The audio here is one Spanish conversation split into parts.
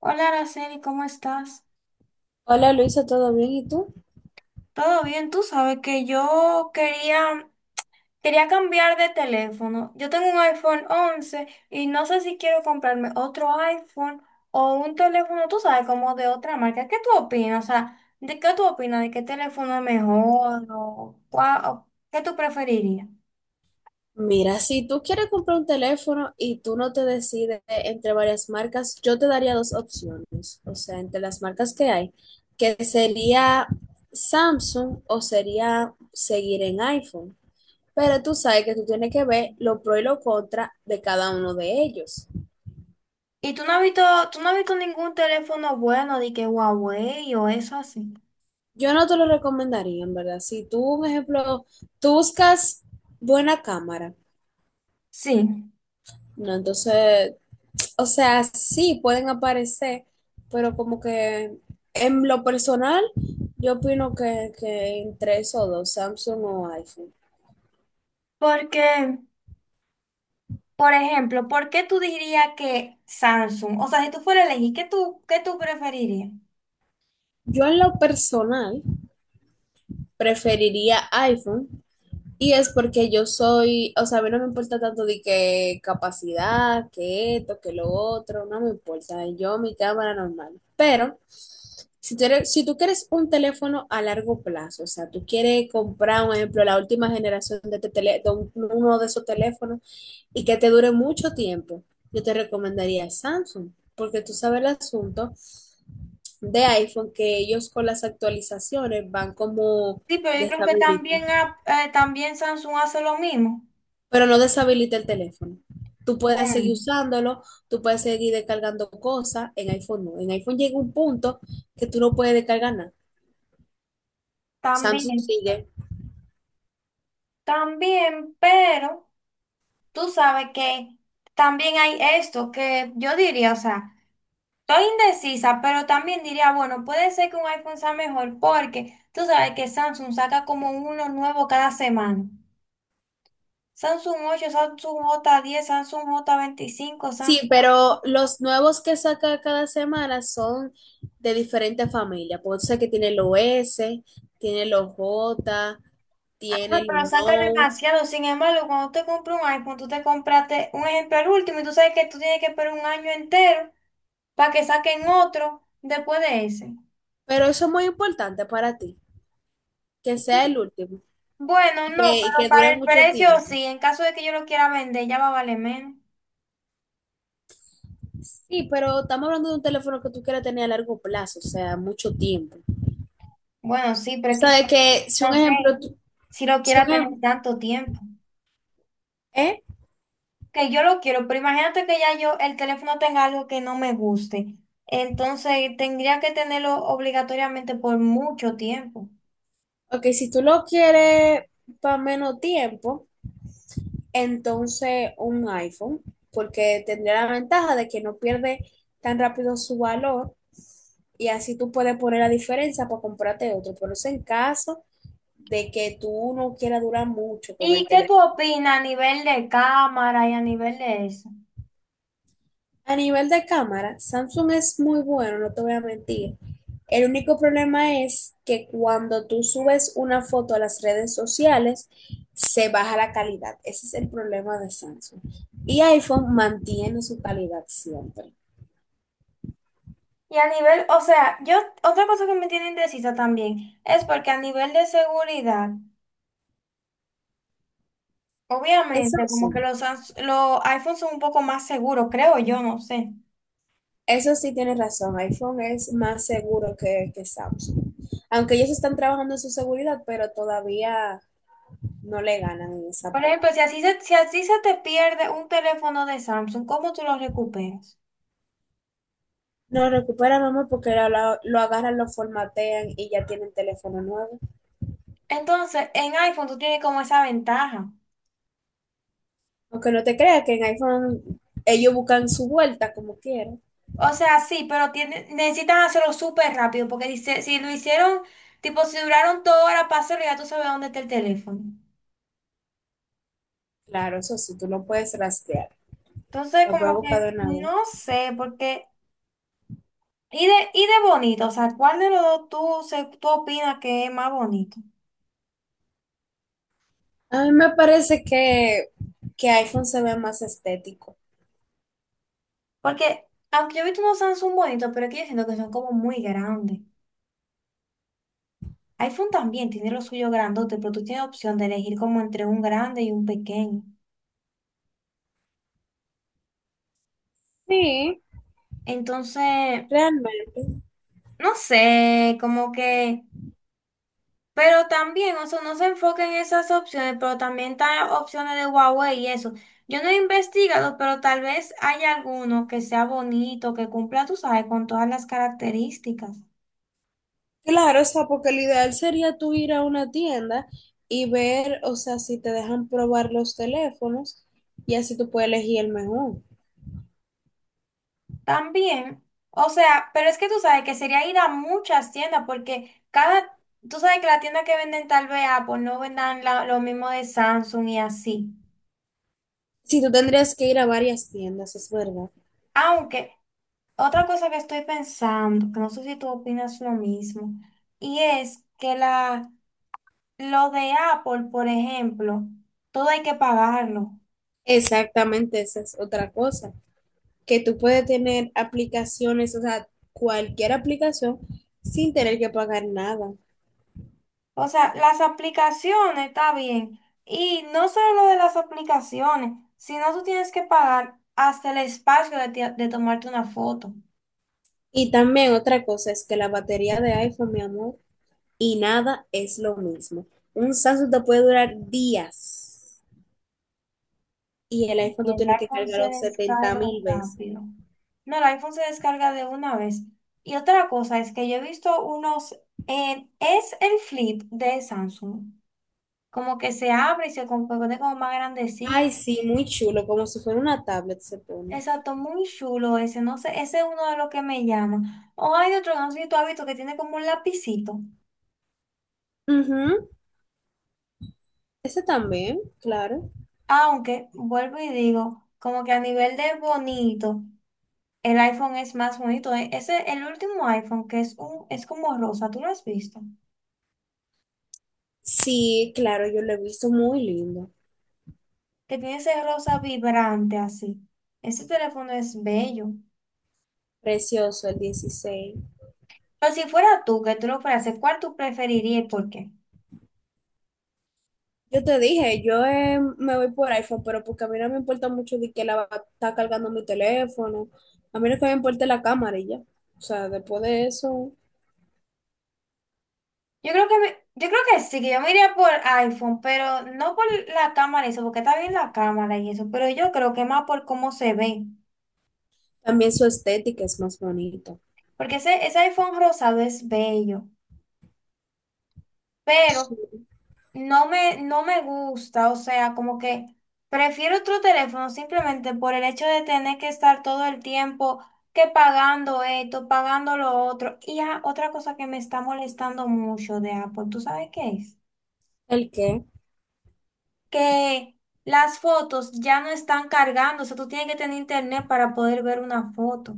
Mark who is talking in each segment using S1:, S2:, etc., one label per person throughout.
S1: Hola, Araceli, ¿cómo estás?
S2: Hola Luisa, ¿todo bien? ¿Y tú?
S1: ¿Todo bien? Tú sabes que yo quería cambiar de teléfono. Yo tengo un iPhone 11 y no sé si quiero comprarme otro iPhone o un teléfono, tú sabes, como de otra marca. ¿Qué tú opinas? O sea, ¿de qué tú opinas? ¿De qué teléfono es mejor? ¿O cuál- o qué tú preferirías?
S2: Mira, si tú quieres comprar un teléfono y tú no te decides entre varias marcas, yo te daría dos opciones, o sea, entre las marcas que hay, que sería Samsung o sería seguir en iPhone. Pero tú sabes que tú tienes que ver lo pro y lo contra de cada uno de ellos.
S1: Y tú no has visto ningún teléfono bueno de que Huawei o eso así.
S2: Yo no te lo recomendaría, en verdad. Si tú, un ejemplo, tú buscas buena cámara,
S1: Sí,
S2: no, entonces o sea, sí pueden aparecer, pero como que en lo personal, yo opino que entre esos dos, Samsung o iPhone.
S1: porque Por ejemplo, ¿por qué tú dirías que Samsung? O sea, si tú fueras a elegir, ¿qué tú preferirías?
S2: Yo en lo personal preferiría iPhone. Y es porque yo soy, o sea, a mí no me importa tanto de que capacidad, que esto, que lo otro, no me importa. Yo, mi cámara normal. Pero si tú, si tú quieres un teléfono a largo plazo, o sea, tú quieres comprar, por ejemplo, la última generación de, uno de esos teléfonos y que te dure mucho tiempo, yo te recomendaría Samsung, porque tú sabes el asunto de iPhone, que ellos con las actualizaciones van como
S1: Sí, pero yo creo que también,
S2: deshabilitando.
S1: ha- eh, también Samsung hace lo mismo.
S2: Pero no deshabilita el teléfono. Tú puedes seguir
S1: Mm,
S2: usándolo, tú puedes seguir descargando cosas, en iPhone no. En iPhone llega un punto que tú no puedes descargar nada. Samsung
S1: también,
S2: sigue.
S1: también, pero tú sabes que también hay esto que yo diría, o sea, estoy indecisa, pero también diría, bueno, puede ser que un iPhone sea mejor porque tú sabes que Samsung saca como uno nuevo cada semana. Samsung 8, Samsung J10, Samsung J25,
S2: Sí,
S1: Samsung...
S2: pero los nuevos que saca cada semana son de diferentes familias. Porque tú sabes que tiene los S, tiene los J,
S1: Ah,
S2: tiene los
S1: pero saca
S2: Note.
S1: demasiado. Sin embargo, cuando tú te compras un iPhone, tú te compraste un ejemplo el último y tú sabes que tú tienes que esperar un año entero para que saquen otro después de ese.
S2: Pero eso es muy importante para ti, que sea el último
S1: Bueno,
S2: y
S1: no,
S2: que, y
S1: pero
S2: que
S1: para
S2: dure
S1: el
S2: mucho
S1: precio
S2: tiempo.
S1: sí. En caso de que yo lo quiera vender, ya va a valer menos.
S2: Sí, pero estamos hablando de un teléfono que tú quieres tener a largo plazo, o sea, mucho tiempo.
S1: Bueno, sí,
S2: Tú
S1: pero es que
S2: sabes que si un
S1: yo no sé
S2: ejemplo,
S1: si lo
S2: si
S1: quiera
S2: un
S1: tener
S2: ejemplo,
S1: tanto tiempo.
S2: ¿eh?
S1: Que yo lo quiero, pero imagínate que ya yo el teléfono tenga algo que no me guste. Entonces tendría que tenerlo obligatoriamente por mucho tiempo.
S2: Ok, si tú lo quieres para menos tiempo, entonces un iPhone, porque tendría la ventaja de que no pierde tan rápido su valor y así tú puedes poner la diferencia para comprarte otro. Pero eso en caso de que tú no quieras durar mucho con el
S1: ¿Y qué tú
S2: teléfono.
S1: opinas a nivel de cámara y a nivel de eso?
S2: A nivel de cámara, Samsung es muy bueno, no te voy a mentir. El único problema es que cuando tú subes una foto a las redes sociales, se baja la calidad. Ese es el problema de Samsung. Y iPhone mantiene su calidad siempre.
S1: Y a nivel, o sea, otra cosa que me tiene indecisa también es porque a nivel de seguridad,
S2: Eso
S1: obviamente, como que
S2: sí,
S1: los iPhones son un poco más seguros, creo yo, no sé.
S2: eso sí tienes razón. iPhone es más seguro que Samsung. Aunque ellos están trabajando en su seguridad, pero todavía no le ganan en esa
S1: Por
S2: parte.
S1: ejemplo, si así se te pierde un teléfono de Samsung, ¿cómo tú lo recuperas?
S2: No recupera, mamá, porque lo agarran, lo formatean y ya tienen teléfono nuevo.
S1: Entonces, en iPhone tú tienes como esa ventaja.
S2: Aunque no te creas que en iPhone ellos buscan su vuelta como quieran.
S1: O sea, sí, pero tiene, necesitan hacerlo súper rápido, porque dice, si lo hicieron, tipo, si duraron toda hora para hacerlo, ya tú sabes dónde está el teléfono.
S2: Claro, eso sí, tú lo puedes rastrear.
S1: Entonces,
S2: Lo puedes
S1: como
S2: buscar
S1: que,
S2: de una vez.
S1: no sé, y de bonito, o sea, ¿cuál de los dos tú opinas que es más bonito?
S2: A mí me parece que iPhone se ve más estético.
S1: Porque, aunque yo he visto unos Samsung bonitos, pero es que yo siento que son como muy grandes. iPhone también tiene lo suyo grandote, pero tú tienes opción de elegir como entre un grande y un pequeño.
S2: Sí,
S1: Entonces,
S2: realmente.
S1: no sé, como que... Pero también, o sea, no se enfoca en esas opciones, pero también está opciones de Huawei y eso. Yo no he investigado, pero tal vez haya alguno que sea bonito, que cumpla, tú sabes, con todas las características.
S2: Claro, o sea, porque lo ideal sería tú ir a una tienda y ver, o sea, si te dejan probar los teléfonos y así tú puedes elegir el mejor.
S1: También, o sea, pero es que tú sabes que sería ir a muchas tiendas, porque cada, tú sabes que la tienda que venden tal vez Apple no vendan lo mismo de Samsung y así.
S2: Si tú tendrías que ir a varias tiendas, es verdad.
S1: Aunque, otra cosa que estoy pensando, que no sé si tú opinas lo mismo, y es que la... Lo de Apple, por ejemplo, todo hay que pagarlo.
S2: Exactamente, esa es otra cosa, que tú puedes tener aplicaciones, o sea, cualquier aplicación sin tener que pagar nada.
S1: O sea, las aplicaciones está bien. Y no solo lo de las aplicaciones, sino tú tienes que pagar hasta el espacio de tomarte una foto.
S2: Y también otra cosa es que la batería de iPhone, mi amor, y nada es lo mismo. Un Samsung te puede durar días y el iPhone
S1: Y
S2: tú
S1: el
S2: tienes que
S1: iPhone se
S2: cargarlo setenta
S1: descarga
S2: mil veces.
S1: rápido. No, el iPhone se descarga de una vez. Y otra cosa es que yo he visto unos, es el Flip de Samsung. Como que se abre y se compone como más grandecito.
S2: Ay, sí, muy chulo, como si fuera una tablet se pone.
S1: Exacto, muy chulo ese, no sé, ese es uno de los que me llama. O hay otro, no sé si tú has visto, que tiene como un lapicito.
S2: Ujú, ese también, claro.
S1: Aunque, vuelvo y digo, como que a nivel de bonito, el iPhone es más bonito. Ese, el último iPhone, que es como rosa, ¿tú lo has visto?
S2: Sí, claro, yo lo he visto muy lindo,
S1: Que tiene ese rosa vibrante así. Ese teléfono es bello.
S2: precioso el 16.
S1: Pero si fuera tú, que tú lo fueras, a hacer, ¿cuál tú preferirías y por qué?
S2: Yo te dije, yo me voy por iPhone, pero porque a mí no me importa mucho de que la va a estar cargando mi teléfono, a mí lo que me importa es la cámara y ya. O sea, después de eso,
S1: Yo creo que sí, que yo me iría por iPhone, pero no por la cámara y eso, porque está bien la cámara y eso, pero yo creo que más por cómo se ve,
S2: también su estética es más bonita.
S1: porque ese iPhone rosado es bello,
S2: Sí.
S1: pero no me gusta, o sea, como que prefiero otro teléfono simplemente por el hecho de tener que estar todo el tiempo que pagando esto, pagando lo otro. Y otra cosa que me está molestando mucho de Apple, ¿tú sabes qué es?
S2: ¿El qué?
S1: Que las fotos ya no están cargando, o sea, tú tienes que tener internet para poder ver una foto.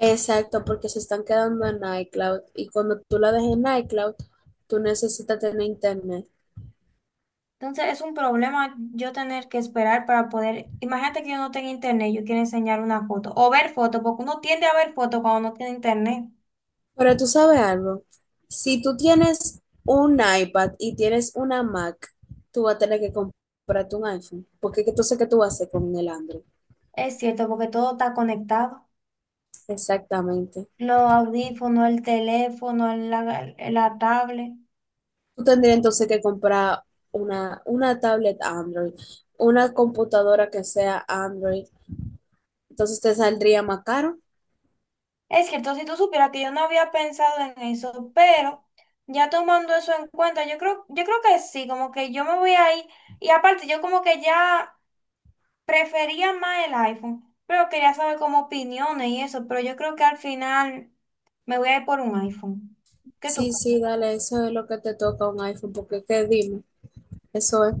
S2: Exacto, porque se están quedando en iCloud y cuando tú la dejes en iCloud, tú necesitas tener internet.
S1: Entonces es un problema yo tener que esperar para poder, imagínate que yo no tengo internet, yo quiero enseñar una foto o ver foto, porque uno tiende a ver foto cuando no tiene internet.
S2: Pero tú sabes algo, si tú tienes un iPad y tienes una Mac, tú vas a tener que comprarte un iPhone, porque entonces, ¿qué tú vas a hacer con el Android?
S1: Es cierto, porque todo está conectado.
S2: Exactamente.
S1: Los audífonos, el teléfono, la tablet.
S2: Tú tendrías entonces que comprar una tablet Android, una computadora que sea Android, entonces te saldría más caro.
S1: Es cierto, si tú supieras que yo no había pensado en eso, pero ya tomando eso en cuenta, yo creo que sí, como que yo me voy a ir, y aparte yo como que ya prefería más el iPhone, pero quería saber como opiniones y eso, pero yo creo que al final me voy a ir por un iPhone. ¿Qué tú
S2: Sí,
S1: crees?
S2: sí, dale, eso es lo que te toca un iPhone, porque qué dime, eso es.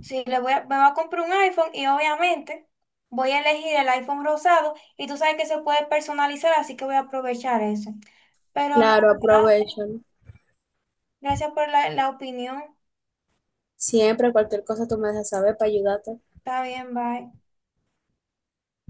S1: Sí, me voy a comprar un iPhone y obviamente voy a elegir el iPhone rosado y tú sabes que se puede personalizar, así que voy a aprovechar eso. Pero no,
S2: Claro,
S1: gracias,
S2: aprovecho. ¿No?
S1: gracias por la opinión.
S2: Siempre cualquier cosa tú me dejas saber para ayudarte.
S1: Está bien, bye.